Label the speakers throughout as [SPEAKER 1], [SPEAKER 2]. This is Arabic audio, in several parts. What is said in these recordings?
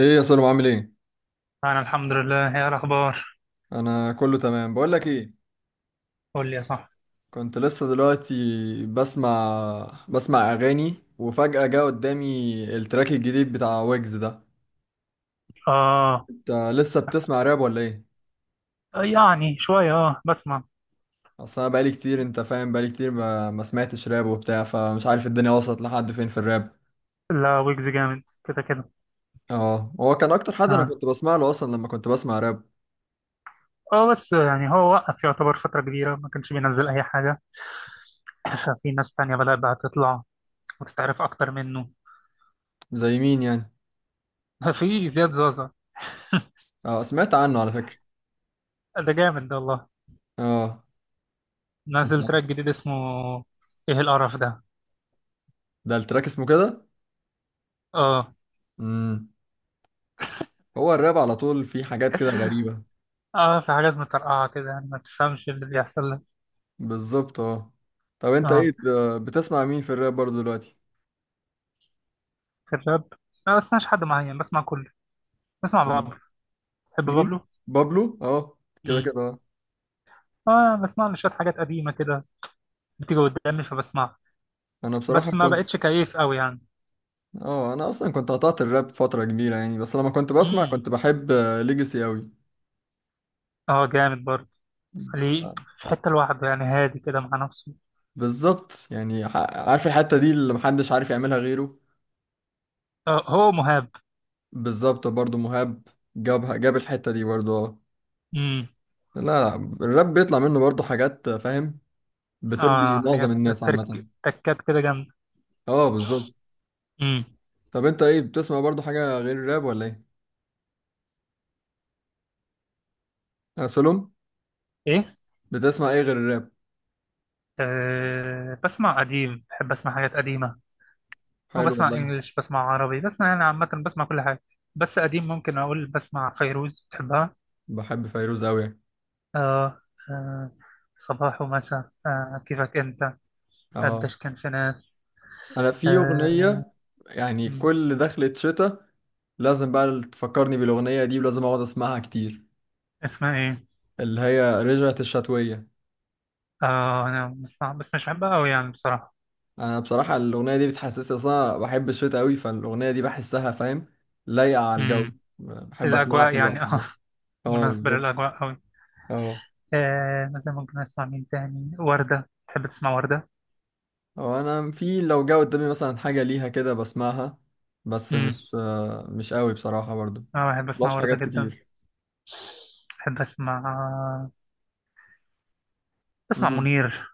[SPEAKER 1] ايه يا سلام، عامل ايه؟
[SPEAKER 2] أنا الحمد لله، هي الأخبار.
[SPEAKER 1] انا كله تمام. بقول لك ايه،
[SPEAKER 2] قول لي يا صاحبي.
[SPEAKER 1] كنت لسه دلوقتي بسمع اغاني وفجأة جه قدامي التراك الجديد بتاع ويجز ده.
[SPEAKER 2] آه.
[SPEAKER 1] انت لسه بتسمع راب ولا ايه؟
[SPEAKER 2] يعني شوية بسمع.
[SPEAKER 1] اصل انا بقالي كتير، انت فاهم، بقالي كتير ما سمعتش راب وبتاع، فمش عارف الدنيا وصلت لحد فين في الراب.
[SPEAKER 2] لا، ويجز جامد كده كده.
[SPEAKER 1] اه، هو كان اكتر حد انا
[SPEAKER 2] آه.
[SPEAKER 1] كنت بسمع له اصلا لما كنت بسمع راب.
[SPEAKER 2] آه، بس يعني هو وقف يعتبر فترة كبيرة، ما كانش بينزل أي حاجة. كان في ناس تانية بدأت بقى تطلع وتتعرف أكتر منه.
[SPEAKER 1] زي مين يعني؟
[SPEAKER 2] في زياد زوزة.
[SPEAKER 1] اه، سمعت عنه على فكرة.
[SPEAKER 2] ده جامد ده والله.
[SPEAKER 1] اه. مش
[SPEAKER 2] نازل
[SPEAKER 1] ده؟
[SPEAKER 2] تراك جديد اسمه. إيه القرف ده؟
[SPEAKER 1] ده التراك اسمه كده.
[SPEAKER 2] آه.
[SPEAKER 1] امم هو الراب على طول فيه حاجات كده غريبة.
[SPEAKER 2] آه، في حاجات مترقعة كده، يعني ما تفهمش اللي بيحصل لك.
[SPEAKER 1] بالظبط اه. طب انت ايه
[SPEAKER 2] آه.
[SPEAKER 1] بتسمع مين في الراب برضه دلوقتي؟
[SPEAKER 2] في الراب. ما بسمعش حد معين، بسمع كله. بسمع بابلو. تحب
[SPEAKER 1] مين؟
[SPEAKER 2] بابلو؟
[SPEAKER 1] بابلو اه. كده
[SPEAKER 2] مم.
[SPEAKER 1] كده اه.
[SPEAKER 2] اه، بسمع له شوية حاجات قديمة كده، بتيجي قدامي فبسمعها.
[SPEAKER 1] انا بصراحة
[SPEAKER 2] بس ما
[SPEAKER 1] كنت،
[SPEAKER 2] بقتش كيف قوي يعني.
[SPEAKER 1] اه انا اصلا كنت قطعت الراب فترة كبيرة يعني، بس لما كنت بسمع
[SPEAKER 2] امم.
[SPEAKER 1] كنت بحب ليجاسي اوي.
[SPEAKER 2] اه جامد برضه. ليه؟ في حتة لوحده يعني، هادي كده مع نفسه.
[SPEAKER 1] بالظبط يعني، عارف الحتة دي اللي محدش عارف يعملها غيره.
[SPEAKER 2] آه هو مهاب.
[SPEAKER 1] بالظبط، برضه مهاب جابها، جاب الحتة دي برضه اه.
[SPEAKER 2] امم.
[SPEAKER 1] لا لا، الراب بيطلع منه برضه حاجات، فاهم، بترضي
[SPEAKER 2] اه
[SPEAKER 1] معظم
[SPEAKER 2] حاجات.
[SPEAKER 1] الناس
[SPEAKER 2] ترك.
[SPEAKER 1] عامة.
[SPEAKER 2] تكات كده جامدة.
[SPEAKER 1] اه بالظبط.
[SPEAKER 2] امم.
[SPEAKER 1] طب انت ايه بتسمع برضه حاجة غير الراب ولا ايه؟ سلوم،
[SPEAKER 2] ايه.
[SPEAKER 1] بتسمع ايه غير الراب؟
[SPEAKER 2] آه بسمع قديم، بحب اسمع حاجات قديمة.
[SPEAKER 1] حلو
[SPEAKER 2] وبسمع
[SPEAKER 1] والله.
[SPEAKER 2] انجلش، بسمع عربي، بسمع يعني عامة، بسمع كل حاجة. بس قديم، ممكن اقول بسمع فيروز. بتحبها؟
[SPEAKER 1] بحب فيروز قوي يعني.
[SPEAKER 2] اه. آه. صباح ومساء، كيفك انت.
[SPEAKER 1] اه،
[SPEAKER 2] قديش كان في ناس.
[SPEAKER 1] انا في
[SPEAKER 2] آه.
[SPEAKER 1] اغنيه، يعني
[SPEAKER 2] م.
[SPEAKER 1] كل دخلة شتاء لازم بقى تفكرني بالاغنيه دي ولازم اقعد اسمعها كتير.
[SPEAKER 2] اسمها ايه؟
[SPEAKER 1] اللي هي رجعت الشتويه.
[SPEAKER 2] اه، انا بسمع بس مش بحبها قوي يعني بصراحة.
[SPEAKER 1] انا بصراحه الاغنيه دي بتحسسني، اصلا بحب الشتاء قوي، فالاغنيه دي بحسها، فاهم، لايقه على الجو.
[SPEAKER 2] امم.
[SPEAKER 1] بحب اسمعها في
[SPEAKER 2] الاجواء
[SPEAKER 1] الوقت
[SPEAKER 2] يعني
[SPEAKER 1] ده. اه
[SPEAKER 2] مناسبة
[SPEAKER 1] بالظبط
[SPEAKER 2] للاجواء قوي.
[SPEAKER 1] اه.
[SPEAKER 2] آه مثلا، ممكن اسمع مين تاني، وردة. تحب تسمع وردة؟
[SPEAKER 1] هو انا في لو جه قدامي مثلا حاجه ليها كده بسمعها، بس
[SPEAKER 2] امم.
[SPEAKER 1] مش مش قوي بصراحه برضو.
[SPEAKER 2] اه بحب
[SPEAKER 1] مبسمعش
[SPEAKER 2] اسمع وردة
[SPEAKER 1] حاجات
[SPEAKER 2] جدا.
[SPEAKER 1] كتير.
[SPEAKER 2] بحب اسمع
[SPEAKER 1] امم،
[SPEAKER 2] منير.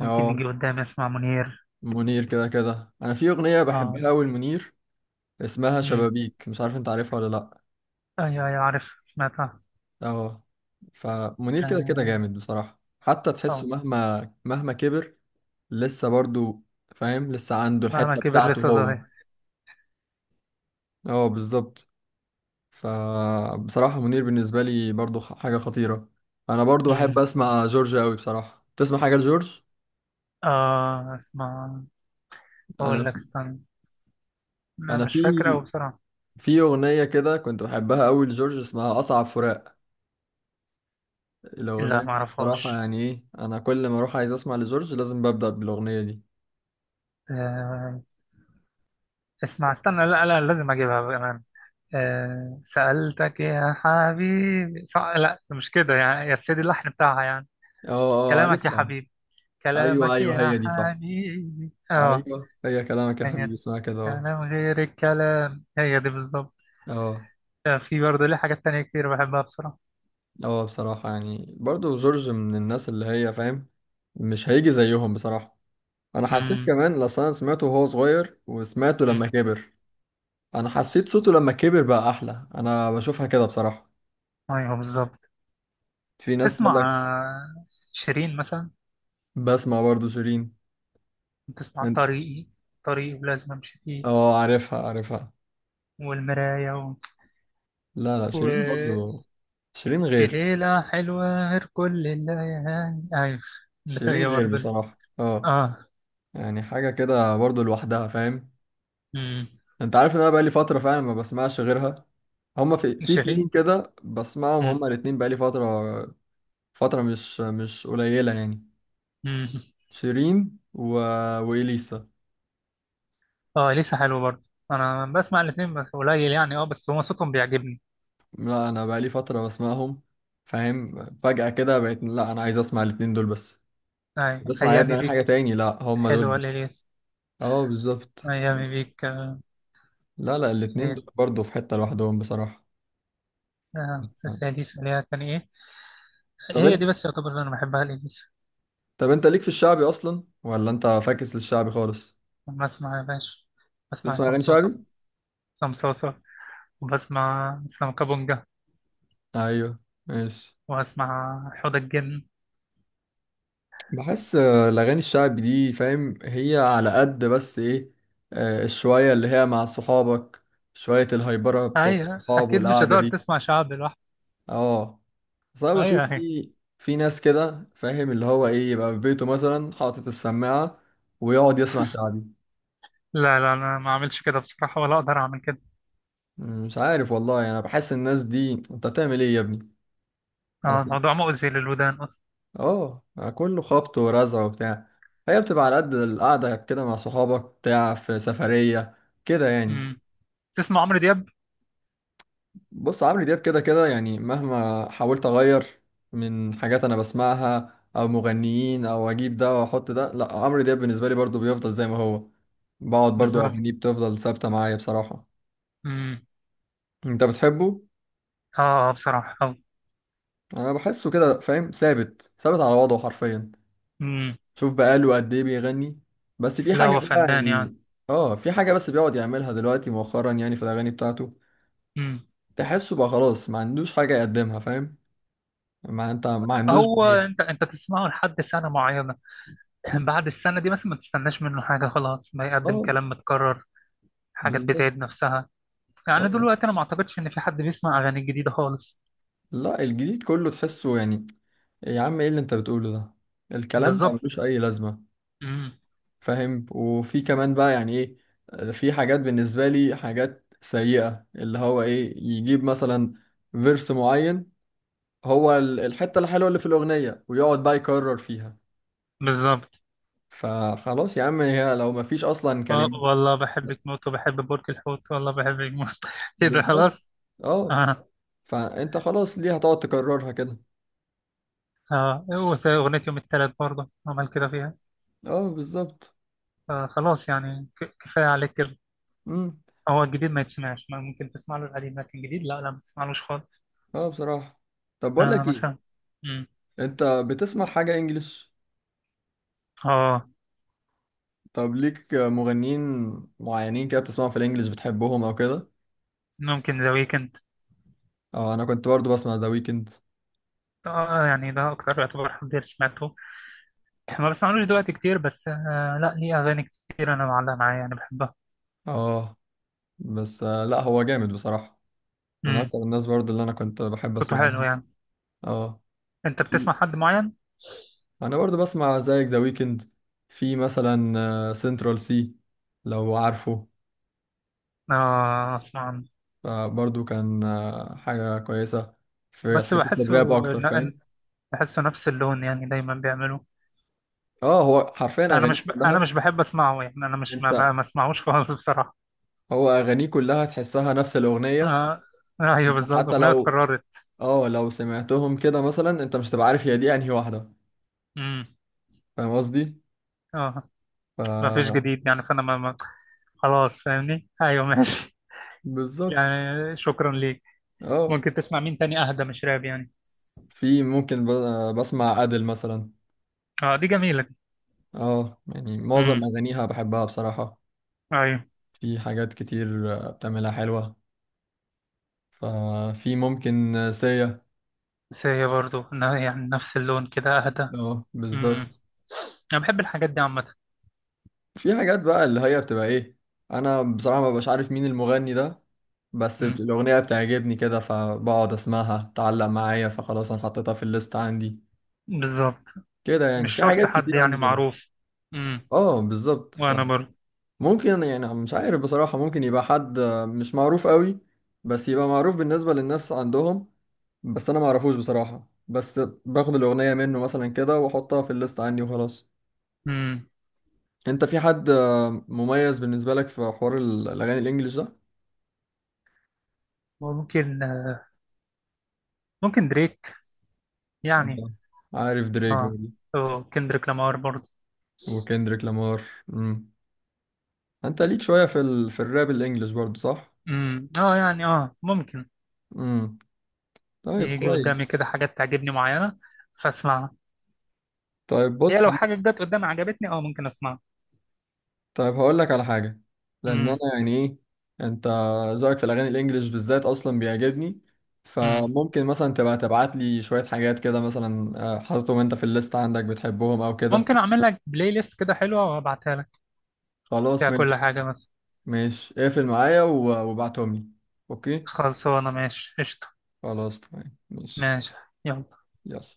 [SPEAKER 2] ممكن يجي قدامي، اسمع منير.
[SPEAKER 1] منير كده كده، انا في اغنيه
[SPEAKER 2] اه.
[SPEAKER 1] بحبها قوي منير، اسمها
[SPEAKER 2] امم.
[SPEAKER 1] شبابيك، مش عارف انت عارفها ولا لا.
[SPEAKER 2] ايوه ايوه، عارف سمعتها.
[SPEAKER 1] اه. فمنير كده كده
[SPEAKER 2] اه.
[SPEAKER 1] جامد بصراحه، حتى تحسه
[SPEAKER 2] أو.
[SPEAKER 1] مهما مهما كبر لسه برضو، فاهم، لسه عنده
[SPEAKER 2] مهما
[SPEAKER 1] الحته
[SPEAKER 2] كبر
[SPEAKER 1] بتاعته
[SPEAKER 2] لسه
[SPEAKER 1] هو.
[SPEAKER 2] صغير.
[SPEAKER 1] اه بالظبط. فبصراحة منير بالنسبة لي برضو حاجة خطيرة. أنا برضو
[SPEAKER 2] امم.
[SPEAKER 1] بحب أسمع جورج أوي بصراحة. تسمع حاجة لجورج؟
[SPEAKER 2] اه. اسمع. اقول
[SPEAKER 1] أنا
[SPEAKER 2] لك استنى.
[SPEAKER 1] أنا
[SPEAKER 2] مش
[SPEAKER 1] في
[SPEAKER 2] فاكر أوي بصراحة.
[SPEAKER 1] أغنية كده كنت بحبها أوي لجورج، اسمها أصعب فراق.
[SPEAKER 2] لا،
[SPEAKER 1] الأغنية دي بصراحة
[SPEAKER 2] معرفهاش.
[SPEAKER 1] يعني إيه، أنا كل ما أروح عايز أسمع لجورج لازم ببدأ بالأغنية دي.
[SPEAKER 2] آه، اسمع استنى، لا لا لازم أجيبها كمان. آه، سألتك يا حبيبي صح، لا مش كده يعني، يا سيدي اللحن بتاعها يعني.
[SPEAKER 1] أه أه،
[SPEAKER 2] كلامك يا
[SPEAKER 1] عارفها.
[SPEAKER 2] حبيبي.
[SPEAKER 1] أيوه
[SPEAKER 2] كلامك
[SPEAKER 1] أيوه،
[SPEAKER 2] يا
[SPEAKER 1] هي دي صح.
[SPEAKER 2] حبيبي اه.
[SPEAKER 1] أيوه، هي كلامك يا
[SPEAKER 2] هي
[SPEAKER 1] حبيبي
[SPEAKER 2] دي.
[SPEAKER 1] اسمها كده، أه.
[SPEAKER 2] كلام غير الكلام، هي دي بالظبط.
[SPEAKER 1] أه.
[SPEAKER 2] آه، في برضه ليه حاجات تانية كتير بحبها بصراحة.
[SPEAKER 1] أه بصراحة يعني برضو جورج من الناس اللي هي، فاهم، مش هيجي زيهم بصراحة. انا حسيت
[SPEAKER 2] امم.
[SPEAKER 1] كمان لأصل انا سمعته وهو صغير وسمعته
[SPEAKER 2] أمم.
[SPEAKER 1] لما كبر. انا حسيت صوته لما كبر بقى احلى، انا بشوفها كده بصراحة.
[SPEAKER 2] ايوه بالظبط.
[SPEAKER 1] في ناس تقول
[SPEAKER 2] تسمع
[SPEAKER 1] لك،
[SPEAKER 2] شيرين مثلا؟
[SPEAKER 1] بسمع برضو شيرين.
[SPEAKER 2] تسمع
[SPEAKER 1] أنت-
[SPEAKER 2] طريقي؟ طريقي ولازم امشي فيه.
[SPEAKER 1] اه عارفها عارفها.
[SPEAKER 2] والمراية
[SPEAKER 1] لا لا شيرين
[SPEAKER 2] وفي
[SPEAKER 1] برضو، شيرين غير،
[SPEAKER 2] ليلة حلوة غير كل الليالي، أيوة. اللي
[SPEAKER 1] شيرين
[SPEAKER 2] هي
[SPEAKER 1] غير
[SPEAKER 2] برضه.
[SPEAKER 1] بصراحة اه.
[SPEAKER 2] آه.
[SPEAKER 1] يعني حاجة كده برضو لوحدها، فاهم.
[SPEAKER 2] أمم.
[SPEAKER 1] انت عارف ان انا بقالي فترة فعلا ما بسمعش غيرها. هما في
[SPEAKER 2] شيرين.
[SPEAKER 1] اتنين كده بسمعهم،
[SPEAKER 2] أمم.
[SPEAKER 1] هما الاتنين بقالي فترة، فترة مش قليلة يعني.
[SPEAKER 2] أمم.
[SPEAKER 1] شيرين و... وإليسا.
[SPEAKER 2] آه لسه حلو برضه. أنا بسمع الاتنين بس قليل يعني، بس هو صوتهم بيعجبني.
[SPEAKER 1] لا انا بقالي فتره بسمعهم، فاهم، فجاه كده بقيت لا، انا عايز اسمع الاتنين دول بس.
[SPEAKER 2] أيوة،
[SPEAKER 1] بسمع يا ابني
[SPEAKER 2] أيامي
[SPEAKER 1] أي
[SPEAKER 2] بيك.
[SPEAKER 1] حاجه تاني، لا هم
[SPEAKER 2] حلوة
[SPEAKER 1] دول.
[SPEAKER 2] لإليس.
[SPEAKER 1] اه بالظبط.
[SPEAKER 2] أيامي بيك
[SPEAKER 1] لا لا الاتنين
[SPEAKER 2] إيه،
[SPEAKER 1] دول برضه في حته لوحدهم بصراحه.
[SPEAKER 2] بس هي دي سريعة كان إيه؟
[SPEAKER 1] طب
[SPEAKER 2] هي دي
[SPEAKER 1] انت
[SPEAKER 2] بس يعتبر اللي أنا بحبها لإليس.
[SPEAKER 1] طب انت ليك في الشعبي اصلا ولا انت فاكس للشعبي خالص؟
[SPEAKER 2] بسمع يا باشا، بسمع
[SPEAKER 1] بتسمع
[SPEAKER 2] عصام
[SPEAKER 1] اغاني
[SPEAKER 2] صاصا.
[SPEAKER 1] شعبي؟
[SPEAKER 2] عصام صاصا، وبسمع إسلام كابونجا.
[SPEAKER 1] ايوه ماشي.
[SPEAKER 2] واسمع حوض الجن.
[SPEAKER 1] بحس الاغاني الشعبي دي، فاهم، هي على قد بس ايه، الشويه اللي هي مع صحابك، شويه الهايبره بتوع
[SPEAKER 2] ايوه
[SPEAKER 1] الصحاب
[SPEAKER 2] اكيد، مش
[SPEAKER 1] والقعده
[SPEAKER 2] هتقدر
[SPEAKER 1] دي.
[SPEAKER 2] تسمع شعب لوحدك.
[SPEAKER 1] اه. اصل انا
[SPEAKER 2] ايوه
[SPEAKER 1] بشوف
[SPEAKER 2] ايوه.
[SPEAKER 1] في، في ناس كده، فاهم، اللي هو ايه يبقى في بيته مثلا حاطط السماعة ويقعد يسمع شعبي.
[SPEAKER 2] لا لا، انا ما اعملش كده بصراحه، ولا اقدر اعمل كده.
[SPEAKER 1] مش عارف والله يعني، انا بحس الناس دي انت بتعمل ايه يا ابني
[SPEAKER 2] اه،
[SPEAKER 1] اصلا.
[SPEAKER 2] الموضوع مؤذي للودان اصلا.
[SPEAKER 1] اه يعني كله خبط ورزع وبتاع. هي بتبقى على قد القعدة كده مع صحابك بتاع في سفرية كده يعني.
[SPEAKER 2] امم. تسمع عمرو دياب؟
[SPEAKER 1] بص، عمرو دياب كده كده يعني، مهما حاولت اغير من حاجات انا بسمعها او مغنيين او اجيب ده واحط ده، لا عمرو دياب بالنسبه لي برضو بيفضل زي ما هو. بقعد برضو
[SPEAKER 2] بالظبط.
[SPEAKER 1] اغانيه بتفضل ثابته معايا بصراحه.
[SPEAKER 2] امم.
[SPEAKER 1] انت بتحبه؟
[SPEAKER 2] اه. آه، بصراحه
[SPEAKER 1] انا بحسه كده، فاهم، ثابت ثابت على وضعه حرفيا.
[SPEAKER 2] امم.
[SPEAKER 1] شوف بقاله قد ايه بيغني. بس في
[SPEAKER 2] لا،
[SPEAKER 1] حاجه
[SPEAKER 2] هو
[SPEAKER 1] بقى
[SPEAKER 2] فنان يعني.
[SPEAKER 1] يعني، اه في حاجه بس بيقعد يعملها دلوقتي مؤخرا يعني في الاغاني بتاعته.
[SPEAKER 2] امم.
[SPEAKER 1] تحسه بقى خلاص ما عندوش حاجه يقدمها، فاهم. ما انت ما عندوش
[SPEAKER 2] هو
[SPEAKER 1] جديد.
[SPEAKER 2] انت تسمعه لحد سنه معينه. بعد السنه دي مثلا ما تستناش منه حاجه، خلاص ما يقدم
[SPEAKER 1] اه
[SPEAKER 2] كلام متكرر. حاجات
[SPEAKER 1] بالظبط.
[SPEAKER 2] بتعيد نفسها. يعني
[SPEAKER 1] اه
[SPEAKER 2] دلوقتي انا ما اعتقدش ان في حد بيسمع اغاني جديده خالص.
[SPEAKER 1] لا الجديد كله تحسه يعني، يا عم ايه اللي انت بتقوله ده، الكلام ما ملوش
[SPEAKER 2] بالظبط.
[SPEAKER 1] اي لازمه،
[SPEAKER 2] امم.
[SPEAKER 1] فاهم. وفي كمان بقى يعني ايه، في حاجات بالنسبه لي حاجات سيئه اللي هو ايه يجيب مثلا فيرس معين، هو الحته الحلوه اللي في الاغنيه ويقعد بقى يكرر فيها.
[SPEAKER 2] بالظبط.
[SPEAKER 1] فخلاص يا عم، هي لو ما فيش اصلا
[SPEAKER 2] آه،
[SPEAKER 1] كلمات.
[SPEAKER 2] والله بحبك موت، وبحب برج الحوت، والله بحبك موت. كده
[SPEAKER 1] بالظبط
[SPEAKER 2] خلاص.
[SPEAKER 1] اه.
[SPEAKER 2] اه.
[SPEAKER 1] فانت خلاص ليه هتقعد تكررها كده؟
[SPEAKER 2] اه. أغنية يوم التلات برضه عمل كده فيها.
[SPEAKER 1] اه بالظبط.
[SPEAKER 2] آه خلاص يعني، كفاية عليك كده.
[SPEAKER 1] امم،
[SPEAKER 2] هو الجديد ما يتسمعش، ما ممكن تسمع له القديم، لكن الجديد لا لا ما تسمعلوش خالص.
[SPEAKER 1] اه بصراحه. طب بقول
[SPEAKER 2] آه
[SPEAKER 1] لك ايه،
[SPEAKER 2] مثلا. مم.
[SPEAKER 1] انت بتسمع حاجة انجليش؟
[SPEAKER 2] اه،
[SPEAKER 1] طب ليك مغنيين معينين كده بتسمعهم في الانجليش بتحبهم او كده؟
[SPEAKER 2] ممكن ذا ويكند.
[SPEAKER 1] اه انا كنت برضو بسمع ذا ويكند.
[SPEAKER 2] اه يعني ده أكتر يعتبر حد سمعته. ما بسمعلوش دلوقتي كتير، بس لا ليه أغاني كتير أنا معلقة معايا يعني بحبها.
[SPEAKER 1] اه، بس لا هو جامد بصراحة. من
[SPEAKER 2] مم.
[SPEAKER 1] اكتر الناس برضو اللي انا كنت بحب
[SPEAKER 2] صوته
[SPEAKER 1] اسمع
[SPEAKER 2] حلو
[SPEAKER 1] لهم.
[SPEAKER 2] يعني.
[SPEAKER 1] اه.
[SPEAKER 2] أنت بتسمع
[SPEAKER 1] في،
[SPEAKER 2] حد معين؟
[SPEAKER 1] انا برضو بسمع زيك ذا ويكند. في مثلا سنترال سي، لو عارفه.
[SPEAKER 2] اه اسمع.
[SPEAKER 1] برضو كان حاجة كويسة. في
[SPEAKER 2] بس
[SPEAKER 1] حتة
[SPEAKER 2] بحسه،
[SPEAKER 1] الراب اكتر،
[SPEAKER 2] ن-
[SPEAKER 1] فاهم.
[SPEAKER 2] بحسه نفس اللون، يعني دايما بيعملوه.
[SPEAKER 1] اه هو حرفيا اغانيه
[SPEAKER 2] انا
[SPEAKER 1] كلها.
[SPEAKER 2] مش بحب اسمعه يعني، انا مش
[SPEAKER 1] انت،
[SPEAKER 2] ما, ب... ما اسمعوش خالص. بصراحة.
[SPEAKER 1] هو اغانيه كلها تحسها نفس الاغنيه.
[SPEAKER 2] آه. ايوه
[SPEAKER 1] انت
[SPEAKER 2] بالظبط،
[SPEAKER 1] حتى
[SPEAKER 2] اغنية
[SPEAKER 1] لو،
[SPEAKER 2] اتكررت.
[SPEAKER 1] اه لو سمعتهم كده مثلا انت مش هتبقى عارف هي دي انهي واحده.
[SPEAKER 2] امم.
[SPEAKER 1] فاهم قصدي؟
[SPEAKER 2] اه. ما فيش
[SPEAKER 1] ف
[SPEAKER 2] جديد يعني، فانا ما... ما... خلاص فاهمني، ايوه ماشي.
[SPEAKER 1] بالظبط
[SPEAKER 2] يعني شكرا ليك.
[SPEAKER 1] اه.
[SPEAKER 2] ممكن تسمع مين تاني اهدى؟ مش راب يعني.
[SPEAKER 1] في ممكن بسمع ادل مثلا.
[SPEAKER 2] اه دي جميلة دي.
[SPEAKER 1] اه يعني معظم
[SPEAKER 2] امم.
[SPEAKER 1] اغانيها بحبها بصراحه.
[SPEAKER 2] ايوه.
[SPEAKER 1] في حاجات كتير بتعملها حلوه. ففي ممكن سيا.
[SPEAKER 2] بس هي برضه يعني نفس اللون كده، اهدى.
[SPEAKER 1] اه
[SPEAKER 2] امم.
[SPEAKER 1] بالظبط.
[SPEAKER 2] انا بحب الحاجات دي عامة.
[SPEAKER 1] في حاجات بقى اللي هي بتبقى ايه، انا بصراحة ما ببقاش عارف مين المغني ده، بس
[SPEAKER 2] امم.
[SPEAKER 1] الاغنية بتعجبني كده فبقعد اسمعها، تعلق معايا فخلاص انا حطيتها في الليست عندي.
[SPEAKER 2] بالظبط.
[SPEAKER 1] كده يعني
[SPEAKER 2] مش
[SPEAKER 1] في
[SPEAKER 2] شرط
[SPEAKER 1] حاجات
[SPEAKER 2] حد
[SPEAKER 1] كتير
[SPEAKER 2] يعني
[SPEAKER 1] عندي كده.
[SPEAKER 2] معروف. امم.
[SPEAKER 1] اه بالظبط.
[SPEAKER 2] وانا برضه.
[SPEAKER 1] فممكن يعني مش عارف بصراحة، ممكن يبقى حد مش معروف قوي، بس يبقى معروف بالنسبة للناس عندهم، بس انا ما اعرفوش بصراحة، بس باخد الاغنية منه مثلا كده واحطها في الليست عندي وخلاص.
[SPEAKER 2] امم.
[SPEAKER 1] انت في حد مميز بالنسبة لك في حوار الاغاني الانجليش ده؟
[SPEAKER 2] ممكن ممكن دريك يعني.
[SPEAKER 1] آه. عارف دريك
[SPEAKER 2] اه.
[SPEAKER 1] برضه
[SPEAKER 2] او كندريك لامار برضه.
[SPEAKER 1] وكندريك لامار. امم انت ليك شويه في في الراب الانجليش برضه صح؟
[SPEAKER 2] امم. اه يعني ممكن.
[SPEAKER 1] امم. طيب
[SPEAKER 2] يجي قدامي
[SPEAKER 1] كويس.
[SPEAKER 2] كده حاجات تعجبني معينة، فاسمعها.
[SPEAKER 1] طيب
[SPEAKER 2] هي
[SPEAKER 1] بص،
[SPEAKER 2] لو حاجة جت قدامي عجبتني، اه ممكن اسمعها.
[SPEAKER 1] طيب هقول لك على حاجه لان انا
[SPEAKER 2] امم.
[SPEAKER 1] يعني ايه، انت ذوقك في الاغاني الانجليش بالذات اصلا بيعجبني،
[SPEAKER 2] امم.
[SPEAKER 1] فممكن مثلا تبقى تبعت لي شويه حاجات كده مثلا حاططهم انت في الليست عندك بتحبهم او كده.
[SPEAKER 2] ممكن اعمل لك بلاي ليست كده حلوة وابعتها لك،
[SPEAKER 1] خلاص
[SPEAKER 2] فيها كل
[SPEAKER 1] ماشي.
[SPEAKER 2] حاجة بس.
[SPEAKER 1] ماشي اقفل معايا وابعتهم لي. اوكي.
[SPEAKER 2] خلصانة، ماشي، قشطة.
[SPEAKER 1] خلاص تمام ماشي.
[SPEAKER 2] ماشي. يلا.
[SPEAKER 1] يلا.